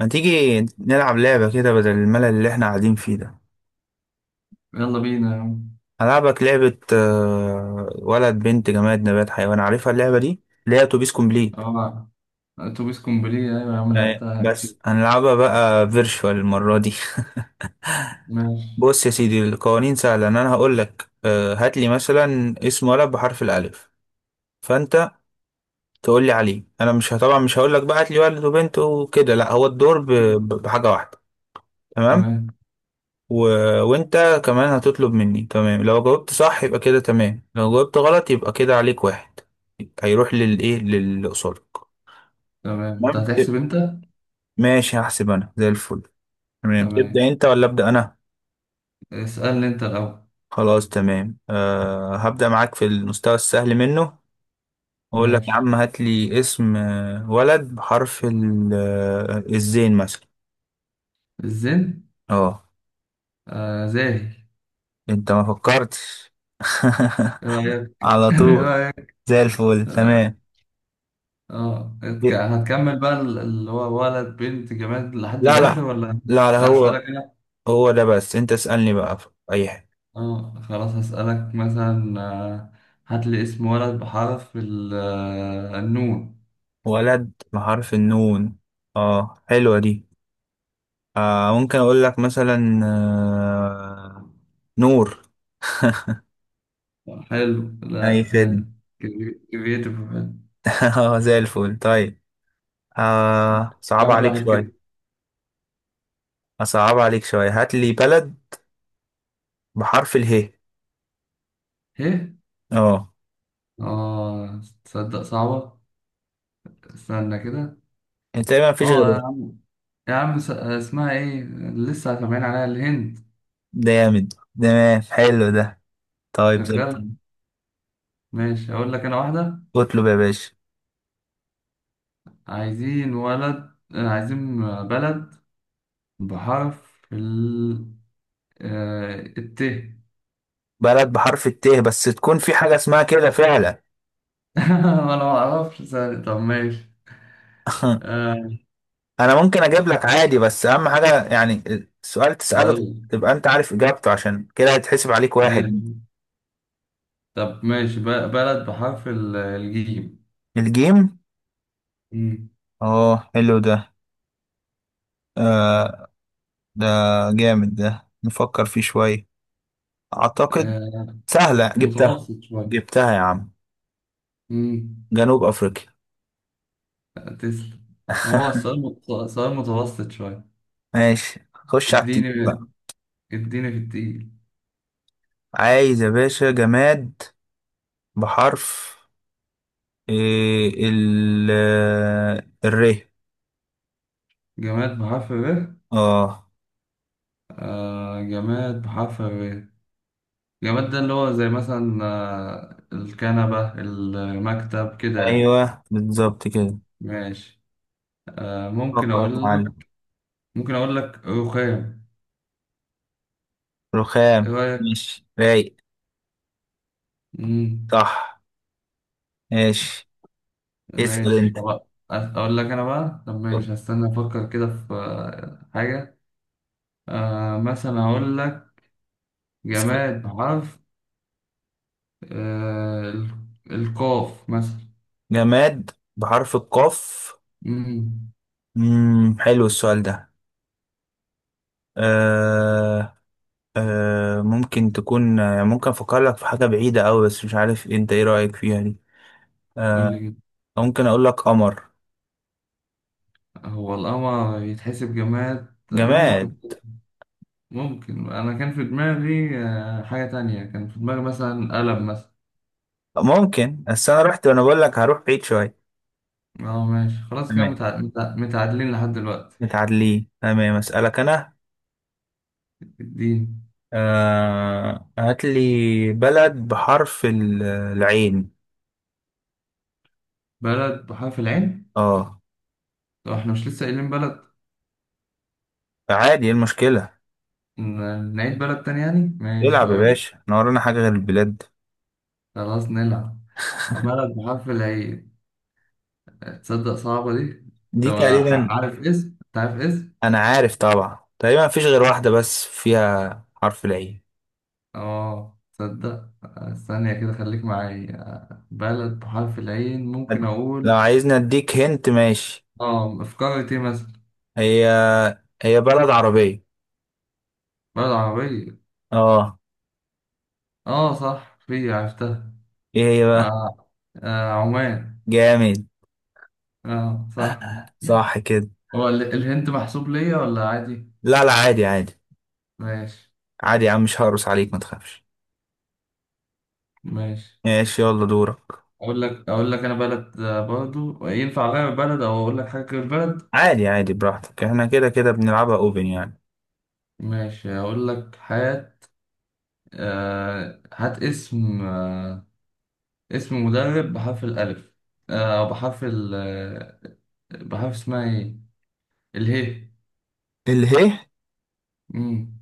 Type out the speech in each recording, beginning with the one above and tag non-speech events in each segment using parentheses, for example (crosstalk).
ما تيجي نلعب لعبة كده بدل الملل اللي احنا قاعدين فيه ده. يلا بينا يا عم. هلعبك لعبة ولد بنت جماد نبات حيوان، عارفها اللعبة دي اللي هي اتوبيس كومبليت. اه، اتوبيس كومبليه، ايوه يا عم، لعبتها بس كتير. هنلعبها بقى فيرشوال المرة دي. (laughs) ماشي. بص يا سيدي، القوانين سهلة، إن انا هقول لك هات لي مثلا اسم ولد بحرف الالف، فانت تقول لي عليه. انا مش طبعا مش هقول لك بقى هات لي ولد وبنت وكده، لا هو الدور بحاجة واحدة. تمام. تمام و... وانت كمان هتطلب مني. تمام، لو جاوبت صح يبقى كده تمام، لو جاوبت غلط يبقى كده عليك واحد هيروح للايه للي قصادك. تمام، انت تمام كده. هتحسب انت. ماشي هحسب انا زي الفل. تمام، تمام، تبدأ انت ولا ابدأ انا؟ اسألني انت الاول. خلاص تمام، أه هبدأ معاك في المستوى السهل منه. اقول لك يا ماشي. عم هات لي اسم ولد بحرف الزين مثلا. الزن. اه، زاهي. انت ما فكرتش. ايه (laughs) رايك؟ (laughs) على ايه طول، رايك؟ زي الفل اه. تمام. هتكمل بقى اللي هو ولد بنت جماد لحد لا الاخر لا ولا؟ لا لا هو اسألك انا. هو ده، بس انت اسألني بقى في اي حاجة. اه خلاص، هسألك مثلا، هات لي اسم ولد بحرف النون. ولد بحرف النون. اه حلوة دي. آه ممكن اقول لك مثلا آه، نور. (laughs) حلو، اي لا خدمة. حلو، كرييتيف، حلو. (laughs) اه زي الفل. طيب صعب واحد عليك واحد كده. شوية، اصعب عليك شوية، هات لي بلد بحرف اله. ايه؟ اه. اه تصدق صعبة. استنى كده. انت ما فيش اه غير يا ده؟ عم، يا عم، اسمها ايه؟ لسه سامعين عليها الهند. جامد. تمام حلو ده، طيب زي شغال. الفل. ماشي، اقول لك انا واحدة. اطلب يا باشا. عايزين ولد، عايزين بلد بحرف ال آه، الت. (laughs) بلد بحرف الت بس تكون في حاجة اسمها كده فعلا. انا ما اعرفش ثاني. طب ماشي. (laughs) آه انا ممكن اجيب لك عادي، بس اهم حاجه يعني السؤال تساله هقول لك. تبقى انت عارف اجابته، عشان كده هيتحسب عليك واحد. ماشي. طب ماشي، بلد بحرف الجيم. الجيم. مم. اه حلو ده. آه ده جامد ده، نفكر فيه شويه. اعتقد آه سهله، جبتها. متوسط شوية. جبتها يا عم، مم. جنوب افريقيا. تسلم. هو (laughs) السؤال سؤال متوسط شوية. ماشي، خش على التقيل اديني بقى. اديني في التقيل. عايز يا باشا جماد بحرف إيه، ال آه، الر. جماد بحرف ر. اه جماد بحرف ر. جماد ده اللي هو زي مثلا الكنبة، المكتب، كده يعني. ايوه بالظبط كده. ماشي. آه ممكن فكر يا أقول معلم. لك ممكن أقول لك رخام. إيه رخام، رأيك؟ ماشي رايق. مم. صح. ماشي، اسأل ماشي. انت. طب أقول لك أنا بقى. طب ماشي، هستنى أفكر كده في حاجة. مثلا أقول لك جماد بحرف آه ال- القاف مثلا. جماد بحرف القاف. مم. مم. حلو السؤال ده. آه ممكن تكون، يعني ممكن افكر لك في حاجة بعيدة أوي بس مش عارف انت ايه رأيك فيها دي. قول لي آه كده. ممكن اقول لك قمر. هو القمر يتحسب جماد؟ ممكن. جماد ممكن، أنا كان في دماغي حاجة تانية. كان في دماغي مثلا قلم مثلا. ممكن، بس انا رحت وانا بقول لك هروح بعيد شوية. اه ماشي، خلاص كده تمام، متعادلين لحد دلوقتي. متعادلين تمام. اسألك انا، الدين. هات لي بلد بحرف العين. بلد بحرف العين. اه، طب احنا مش لسه قايلين بلد؟ عادي، ايه المشكلة؟ نعيد بلد تاني يعني، ماشي العب يا أقول. باشا، انا ورانا حاجة غير البلاد؟ خلاص نلعب. بلد بحرف العين. تصدق صعبة دي. دي طب ع- تقريبا، عارف اسم انت عارف اسم. انا عارف طبعا تقريبا مفيش غير واحدة بس فيها حرف العين. اه تصدق. استنى كده، خليك معايا. بلد بحرف العين، ممكن أد-، لو اقول. عايزني اديك هنت ماشي. اه، في قارة ايه مثلا؟ هي، هي بلد عربية. بلد عربية. اه. اه صح، في عرفتها. ايه هي بقى؟ آه. عمان. جامد، اه صح. صح كده. هو الهند محسوب ليا ولا عادي؟ لا لا عادي، عادي ماشي. عادي يا عم، مش هقرص عليك ما تخافش. ماشي، ماشي يلا دورك. اقول لك انا بلد، برضو ينفع غير بلد او اقول لك حاجة غير بلد؟ عادي عادي، براحتك، احنا كده كده بنلعبها اوبن يعني. ماشي، اقول لك حاجة. هات اسم، اسم مدرب بحرف الألف، آه، أو بحرف ال آه، بحرف اسمها إيه؟ اله. اله. مم.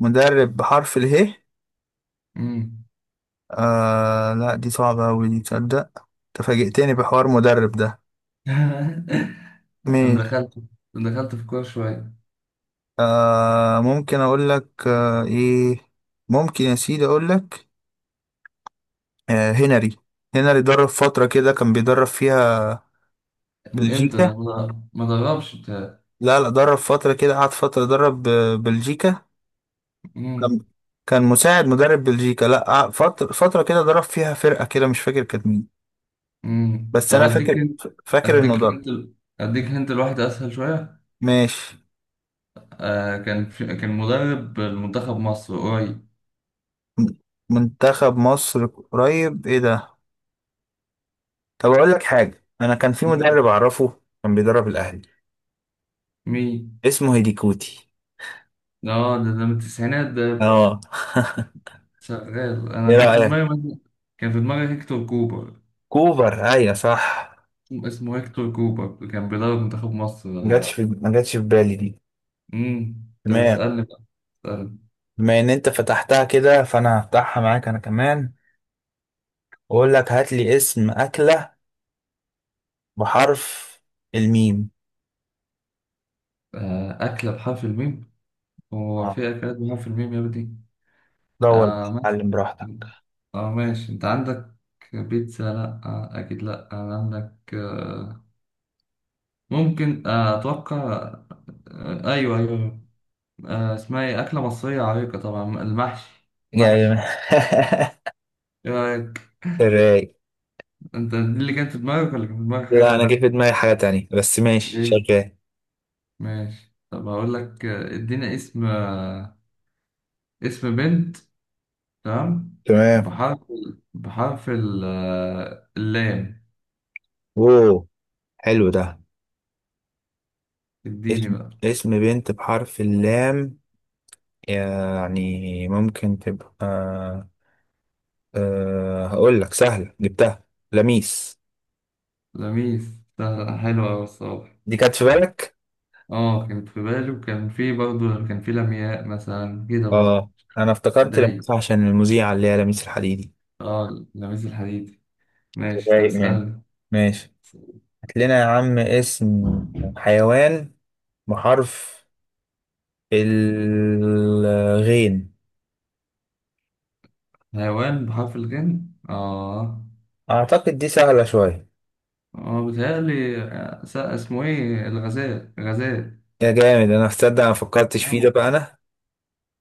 مدرب بحرف اله؟ مم. آه لا دي صعبة أوي دي تصدق، تفاجئتني بحوار مدرب ده. (laughs) أنا ماشي. دخلت في كورة شوية. ممكن أقول لك آه إيه ممكن يا سيدي أقول لك هنري. هنري درب فترة كده، كان بيدرب فيها إمتى بلجيكا. ده؟ ما دربش بتاع. لا لا درب فترة كده، قعد فترة درب بلجيكا. كان مم. كان مساعد مدرب بلجيكا، لا قعد فترة كده درب فيها فرقة كده مش فاكر كانت مين. مم. بس طب أنا أديك فاكر هنت. فاكر إنه درب. أديك هنت الواحد أسهل شوية. ماشي. كان مدرب المنتخب مصر قريب. منتخب مصر قريب؟ إيه ده؟ طب اقول لك حاجه، انا كان في مم. مدرب اعرفه كان بيدرب الاهلي، مين؟ اسمه هيديكوتي. ده من التسعينات ده. اه. شغال، (laughs) ايه انا كان في رايك. دماغي كان في دماغي هيكتور كوبر. كوبر، ايوه صح. اسمه هيكتور كوبر، كان بيدرب منتخب مصر. ما جاتش في بالي دي. طب تمام. اسألني بقى. اسألني. بما ان انت فتحتها كده، فانا هفتحها معاك انا كمان، واقول لك هات لي اسم اكله بحرف الميم. أكلة بحرف الميم. هو اه في أكلات بحرف الميم يا ابني؟ دور، مثلا. اتعلم براحتك. اه ماشي، انت عندك بيتزا، لا اكيد لا، انا عندك ممكن، اتوقع، ايوه ايوه. اسمها ايه، اكله مصريه عريقه طبعا، المحشي. جاي. محشي. (laughs) آه، رايق. انت دي اللي كانت في دماغك ولا كان في دماغك حاجة لا انا جه في تانية؟ دماغي حاجه تانية، بس ماشي ايه. شغال. ماشي. طب هقول لك، ادينا اسم، اسم بنت. تمام. تمام. بحرف اللام. اوه، حلو ده. اديني اسم، بقى. اسم بنت بحرف اللام. يعني ممكن تبقى، أه هقول لك سهلة جبتها، لميس. لميس. سهلة، حلوة أوي الصراحة. دي كانت في بالك؟ اه كانت في بالي، وكان في برضه، كان في لمياء مثلا كده برضه. اه. انا افتكرت داي. لميس عشان المذيعة اللي هي لميس الحديدي. اه لميس الحديدي. ماشي. طب رايق يعني. اسألني. ماشي، هات لنا يا عم اسم حيوان بحرف الغين. حيوان بحرف الغين. اه، اعتقد دي سهلة شوية. هو بيتهيألي، اسمه ايه، الغزال، غزال. يا جامد، انا هتصدق انا مفكرتش فيه ده اه. بقى انا.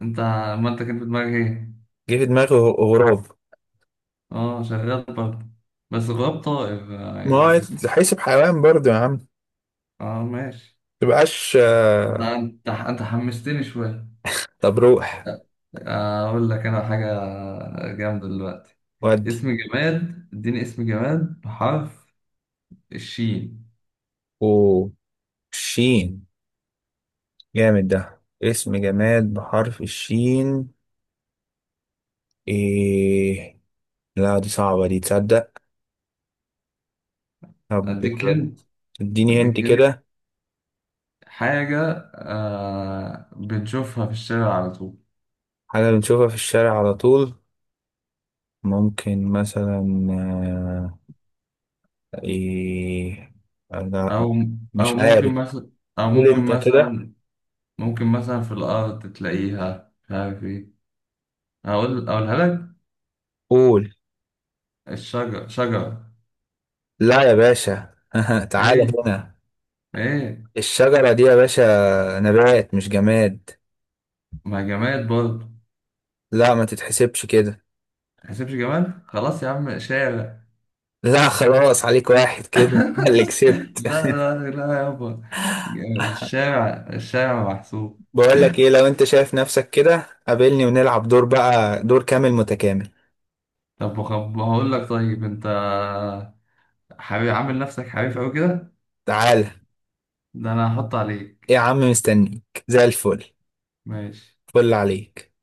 انت. ما انت كان في دماغك ايه؟ جه في دماغي غراب. اه شغال برضه. بس غراب طائر. ما هو هيتحسب حيوان برضه يا عم، اه ماشي. تبقاش انت حمستني شوية. طب روح. اقول لك انا حاجة جامدة دلوقتي. ودي. اسم جماد اديني اسم جماد بحرف الشين. وشين. جامد ده، اسم جماد بحرف الشين. ايه، لا دي صعبة دي تصدق. طب اديك هنت اديني انت اديك هنت كده. حاجة بنشوفها في الشارع على طول. حاجة بنشوفها في الشارع على طول. ممكن مثلا آه، ايه لا او او مش عارف. او قول ممكن انت كده. مثلا ممكن مثلا في الأرض تلاقيها، مش عارف إيه. أقولها لك. قول. شجرة. لا يا باشا. (laughs) تعالى إيه هنا، إيه؟ الشجرة دي يا باشا نبات مش جماد. ما جماد برضه. لا ما تتحسبش كده. تحسبش جماد، خلاص يا عم، شارع. لا خلاص، عليك واحد كده. (laughs) أنا اللي (laughs) لا، كسبت. لا لا يابا، الشارع الشارع محسوب. (laughs) بقول لك ايه، لو انت شايف نفسك كده قابلني ونلعب دور بقى، دور كامل متكامل. طب هقول لك، طيب أنت حبيب، عامل نفسك حريف أوي كده، تعالى. ده أنا هحط إيه عليك. يا عم، مستنيك زي الفل. ماشي. فل عليك.